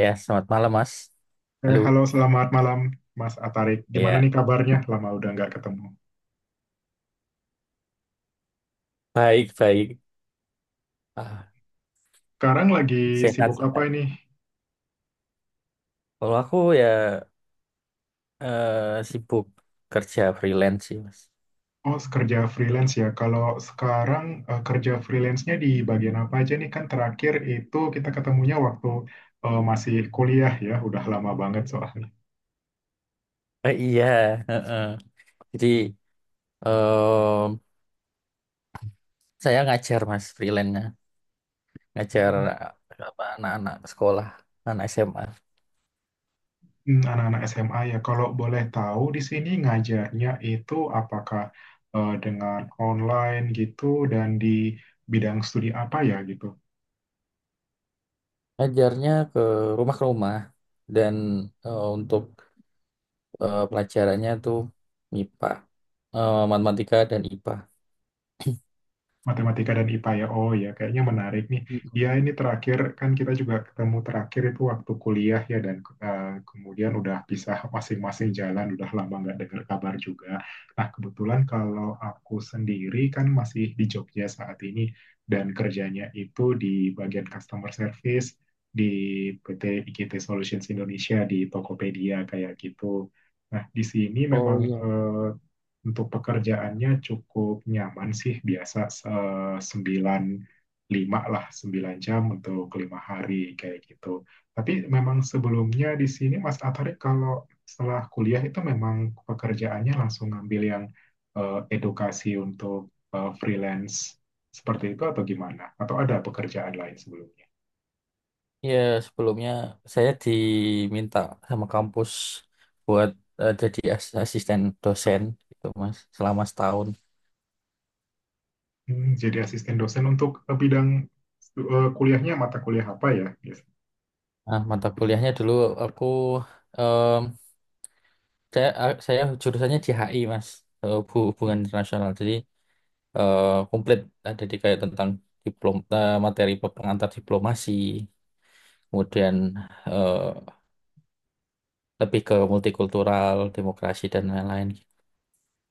Ya, selamat malam, Mas. Eh, Halo. halo, selamat malam, Mas Atarik. Gimana Ya, nih kabarnya? Lama udah nggak ketemu. baik, baik. Ah, Sekarang lagi sehat, sibuk apa sehat. ini? Kalau aku ya sibuk kerja freelance sih, Mas. Oh, kerja freelance ya. Kalau sekarang kerja freelance-nya di bagian apa aja nih? Kan terakhir itu kita ketemunya waktu masih kuliah ya. Udah lama banget soalnya. Iya, heeh. Jadi em, saya ngajar, Mas, freelance-nya. Ngajar Hmm, apa, anak-anak sekolah, anak SMA. hmm, anak-anak SMA ya. Kalau boleh tahu di sini ngajarnya itu apakah dengan online gitu dan di bidang studi apa ya gitu? Ngajarnya ke rumah dan untuk pelajarannya tuh MIPA, matematika dan IPA. Matematika dan IPA ya. Oh ya, kayaknya menarik nih. Mm-mm. Ya, ini terakhir kan kita juga ketemu terakhir itu waktu kuliah ya dan kemudian udah pisah masing-masing jalan, udah lama nggak dengar kabar juga. Nah, kebetulan kalau aku sendiri kan masih di Jogja saat ini dan kerjanya itu di bagian customer service di PT IKT Solutions Indonesia di Tokopedia kayak gitu. Nah, di sini Oh memang iya. Untuk pekerjaannya cukup nyaman sih, biasa sembilan lima lah, 9 jam untuk 5 hari kayak gitu. Tapi memang sebelumnya di sini Mas Atari kalau setelah kuliah itu memang pekerjaannya langsung ngambil yang edukasi untuk freelance seperti itu atau gimana? Atau ada pekerjaan lain sebelumnya? Ya, sebelumnya saya diminta sama kampus buat jadi asisten dosen gitu, Mas, selama setahun. Hmm, jadi asisten dosen untuk bidang kuliahnya mata kuliah apa ya? Nah, mata kuliahnya dulu aku em, saya a- saya jurusannya di HI, Mas, Hubungan Internasional. Jadi eh, komplit ada di kayak tentang materi pengantar diplomasi, kemudian eh, lebih ke multikultural, demokrasi dan lain-lain.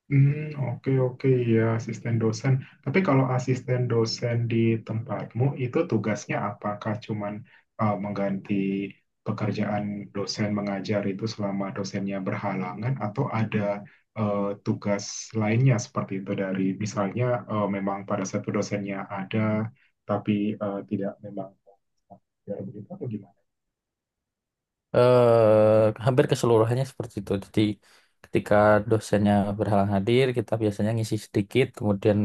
Hmm, oke oke, ya asisten dosen. Tapi kalau asisten dosen di tempatmu itu tugasnya apakah cuman mengganti pekerjaan dosen mengajar itu selama dosennya berhalangan atau ada tugas lainnya seperti itu dari misalnya memang pada satu dosennya ada tapi tidak memang mengajar begitu atau gimana? Hampir keseluruhannya seperti itu. Jadi ketika dosennya berhalang hadir, kita biasanya ngisi sedikit, kemudian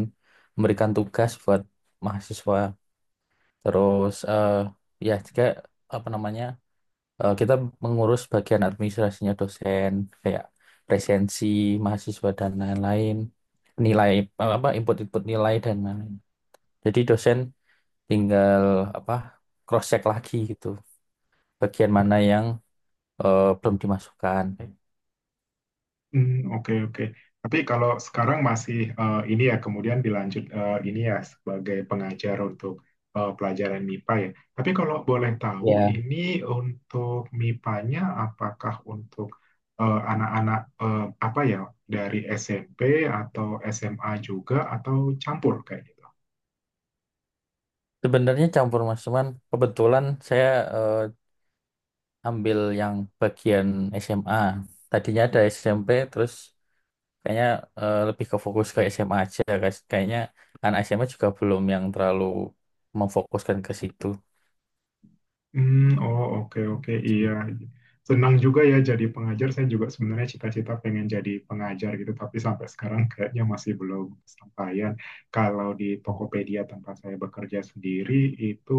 memberikan tugas buat mahasiswa. Terus ya juga apa namanya, kita mengurus bagian administrasinya dosen kayak presensi mahasiswa dan lain-lain, nilai, apa input-input nilai dan lain-lain. Jadi dosen tinggal apa, cross check lagi gitu bagian mana yang belum dimasukkan. Hmm, oke oke. Tapi kalau sekarang masih ini ya, kemudian dilanjut ini ya sebagai pengajar untuk pelajaran MIPA ya. Tapi kalau boleh tahu Ya. ini untuk MIPA-nya apakah untuk anak-anak apa ya, dari SMP atau SMA juga atau campur kayak gitu? Sebenarnya campur mas, cuman kebetulan saya eh, ambil yang bagian SMA. Tadinya ada SMP, terus kayaknya lebih ke fokus ke SMA aja, guys. Kayaknya anak SMA juga belum yang terlalu memfokuskan ke situ. Hmm, oh oke oke iya. Gitu. Senang juga ya jadi pengajar. Saya juga sebenarnya cita-cita pengen jadi pengajar gitu, tapi sampai sekarang kayaknya masih belum kesampaian. Kalau di Tokopedia tempat saya bekerja sendiri itu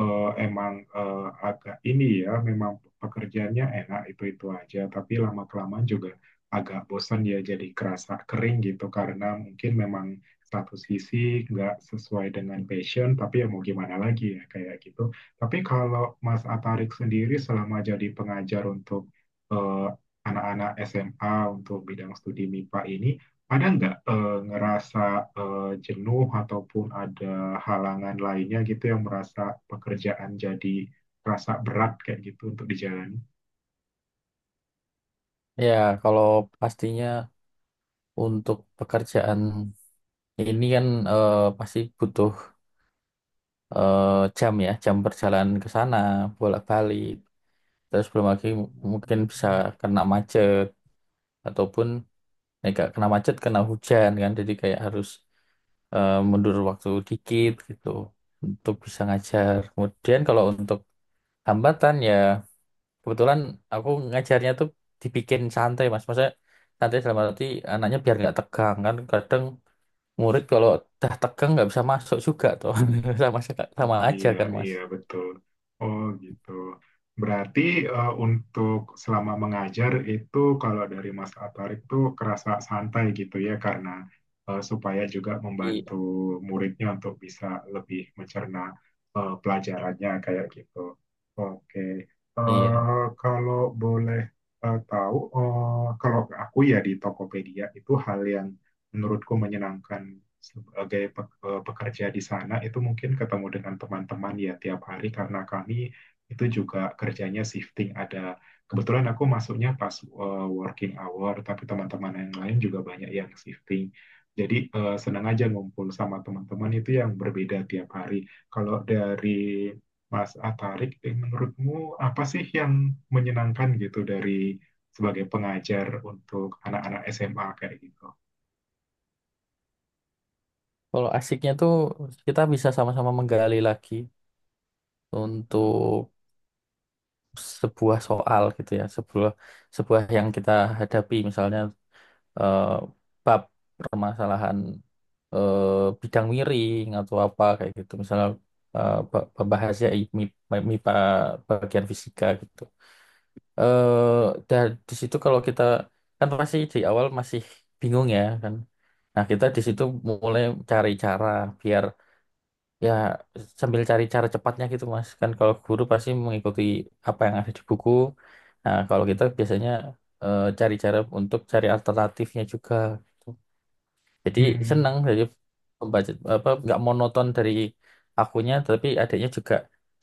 emang agak ini ya, memang pekerjaannya enak itu-itu aja, tapi lama-kelamaan juga agak bosan ya, jadi kerasa kering gitu karena mungkin memang satu sisi nggak sesuai dengan passion, tapi ya mau gimana lagi ya kayak gitu. Tapi kalau Mas Atarik sendiri selama jadi pengajar untuk eh, anak-anak SMA untuk bidang studi MIPA ini, ada nggak ngerasa jenuh ataupun ada halangan lainnya gitu yang merasa pekerjaan jadi rasa berat kayak gitu untuk dijalani? Ya, kalau pastinya untuk pekerjaan ini kan pasti butuh eh, jam ya, jam perjalanan ke sana, bolak-balik. Terus belum lagi mungkin bisa kena macet ataupun kayak nggak kena macet kena hujan kan jadi kayak harus mundur waktu dikit gitu untuk bisa ngajar. Kemudian kalau untuk hambatan ya, kebetulan aku ngajarnya tuh dibikin santai mas, maksudnya santai dalam arti anaknya biar nggak tegang kan. Kadang murid kalau dah tegang nggak bisa masuk juga tuh. sama sama aja Iya, kan mas. iya betul. Oh gitu. Berarti untuk selama mengajar itu kalau dari Mas Atarik tuh kerasa santai gitu ya karena supaya juga membantu Iya. muridnya untuk bisa lebih mencerna pelajarannya kayak gitu. Oke. Iya. Kalau boleh tahu, kalau aku ya di Tokopedia itu hal yang menurutku menyenangkan sebagai pekerja di sana itu mungkin ketemu dengan teman-teman ya tiap hari karena kami itu juga kerjanya shifting. Ada kebetulan aku masuknya pas working hour, tapi teman-teman yang lain juga banyak yang shifting, jadi senang aja ngumpul sama teman-teman itu yang berbeda tiap hari. Kalau dari Mas Atarik, menurutmu apa sih yang menyenangkan gitu dari sebagai pengajar untuk anak-anak SMA kayak gitu? Kalau asiknya tuh kita bisa sama-sama menggali lagi untuk sebuah soal gitu ya, sebuah sebuah yang kita hadapi. Misalnya eh, bab permasalahan bidang miring atau apa kayak gitu, misalnya membahasnya MIPA bagian fisika gitu. Eh dan di situ kalau kita, kan pasti di awal masih bingung ya kan. Nah, kita di situ mulai cari cara biar, ya, sambil cari cara cepatnya gitu, Mas. Kan kalau guru pasti mengikuti apa yang ada di buku. Nah, kalau kita biasanya cari cara untuk cari alternatifnya juga. Gitu. Jadi Hmm, senang jadi pembaca apa nggak monoton dari akunya, tapi adanya juga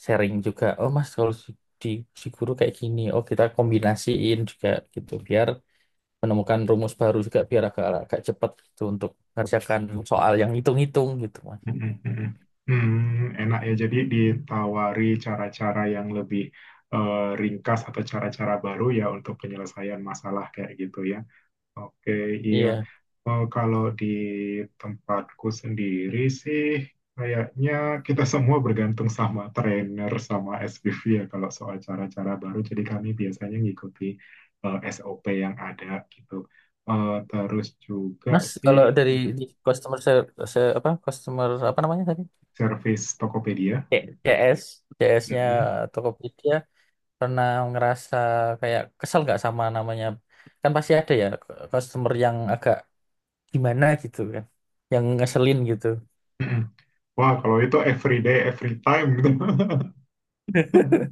sharing juga. Oh, Mas, kalau di si guru kayak gini, oh kita kombinasiin juga gitu biar menemukan rumus baru juga biar agak agak cepat gitu untuk mengerjakan soal yang hitung-hitung gitu, Mas. hmm, mm, mm, mm. Hmm, enak ya. Jadi ditawari cara-cara yang lebih eh, ringkas atau cara-cara baru ya untuk penyelesaian masalah kayak gitu ya. Oke, iya. Iya. Kalau di tempatku sendiri sih kayaknya kita semua bergantung sama trainer sama SPV ya kalau soal cara-cara baru. Jadi kami biasanya ngikuti SOP yang ada gitu. Terus juga Mas, sih, kalau dari di apa customer apa namanya tadi? service Tokopedia. CS, S nya Mm-mm. Tokopedia, pernah ngerasa kayak kesel nggak sama namanya? Kan pasti ada ya customer yang agak gimana gitu kan, yang ngeselin gitu. Wah, kalau itu every day, every time gitu.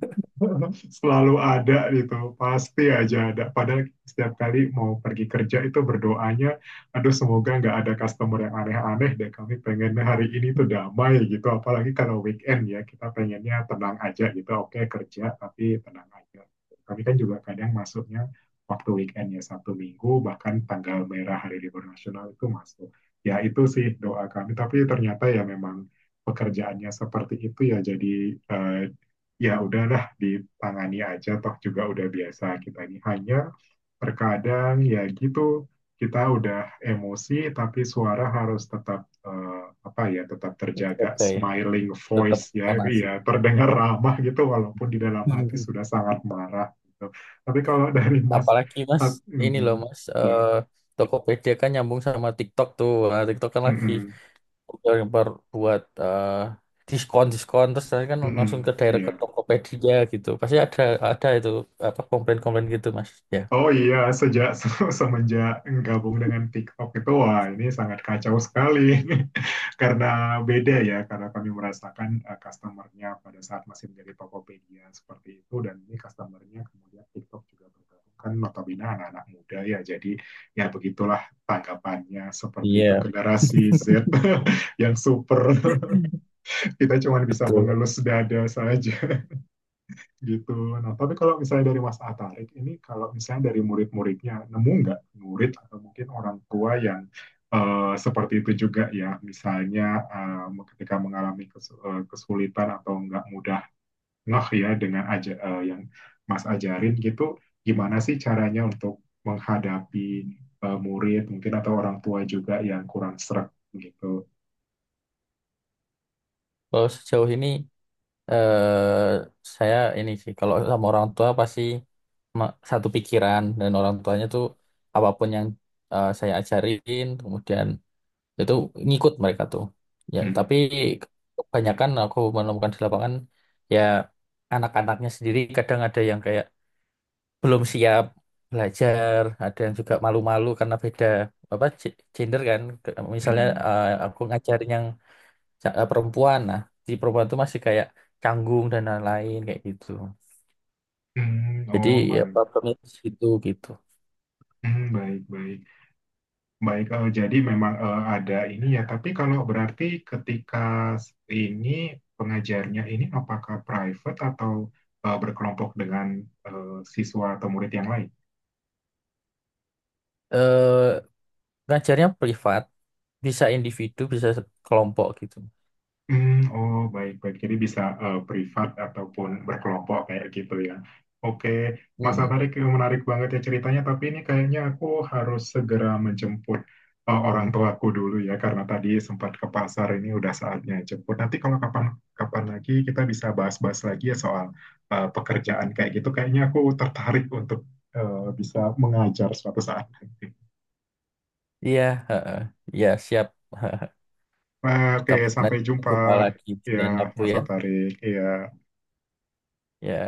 Selalu ada gitu, pasti aja ada. Padahal setiap kali mau pergi kerja itu berdoanya, aduh semoga nggak ada customer yang aneh-aneh deh. Kami pengennya hari ini tuh damai gitu. Apalagi kalau weekend ya, kita pengennya tenang aja gitu. Oke kerja, tapi tenang aja. Kami kan juga kadang masuknya waktu weekend ya, 1 minggu, bahkan tanggal merah hari libur nasional itu masuk. Ya itu sih doa kami, tapi ternyata ya memang pekerjaannya seperti itu ya, jadi ya udahlah ditangani aja, toh juga udah biasa kita ini. Hanya terkadang ya gitu, kita udah emosi tapi suara harus tetap eh, apa ya, tetap terjaga Oke, smiling tetap voice ya, tonasi. ya terdengar ramah gitu walaupun di dalam hati Hmm. sudah sangat marah gitu. Tapi kalau dari Mas Apalagi Mas, mm, ini mm, loh Mas, ya Tokopedia kan nyambung sama TikTok tuh. Nah, TikTok kan mm, lagi mm, udah nyebar buat diskon-diskon, terus saya kan mm, langsung mm, ke daerah iya. ke Tokopedia gitu. Pasti ada itu apa komplain-komplain gitu Mas. Ya. Oh iya, sejak semenjak gabung dengan TikTok itu, wah ini sangat kacau sekali karena beda ya, karena kami merasakan customernya pada saat masih menjadi Tokopedia seperti itu dan ini customernya kemudian TikTok juga bergabung, kan notabene anak-anak muda ya, jadi ya begitulah tanggapannya seperti itu, Iya, generasi Z yang super kita cuma bisa betul. mengelus dada saja gitu. Nah, tapi kalau misalnya dari Mas Atarik ini, kalau misalnya dari murid-muridnya, nemu nggak murid atau mungkin orang tua yang seperti itu juga ya, misalnya ketika mengalami kesulitan atau nggak mudah ngeh ya dengan aja yang Mas ajarin gitu, gimana sih caranya untuk menghadapi murid mungkin atau orang tua juga yang kurang sreg gitu. Kalau sejauh ini eh saya ini sih kalau sama orang tua pasti satu pikiran dan orang tuanya tuh apapun yang saya ajarin kemudian itu ngikut mereka tuh. Ya, tapi Hmm. kebanyakan aku menemukan di lapangan ya anak-anaknya sendiri kadang ada yang kayak belum siap belajar, ada yang juga malu-malu karena beda apa gender kan. Misalnya Hmm. Aku ngajarin yang perempuan, nah si perempuan itu masih kayak canggung dan lain-lain kayak gitu. Hmm. Jadi Oh, ya baik. problemnya di situ gitu. Hmm, baik, baik. Baik, jadi memang ada ini ya, tapi kalau berarti ketika ini pengajarnya ini apakah private atau berkelompok dengan eh, siswa atau murid yang lain? Eh Ngajarnya privat, bisa individu, bisa kelompok gitu. Hmm, oh baik-baik. Jadi bisa privat ataupun berkelompok kayak gitu ya. Oke, Mas Mm-mm. Atarik, menarik banget ya ceritanya. Tapi ini kayaknya aku harus segera menjemput orang tuaku dulu ya, karena tadi sempat ke pasar, ini udah saatnya jemput. Nanti kalau kapan-kapan lagi kita bisa bahas-bahas lagi ya soal pekerjaan kayak gitu. Kayaknya aku tertarik untuk bisa mengajar suatu saat nanti. Iya, heeh. Iya siap. Oke, sampai Nanti jumpa jumpa lagi di ya lain waktu Mas ya. Atarik. Ya. Ya.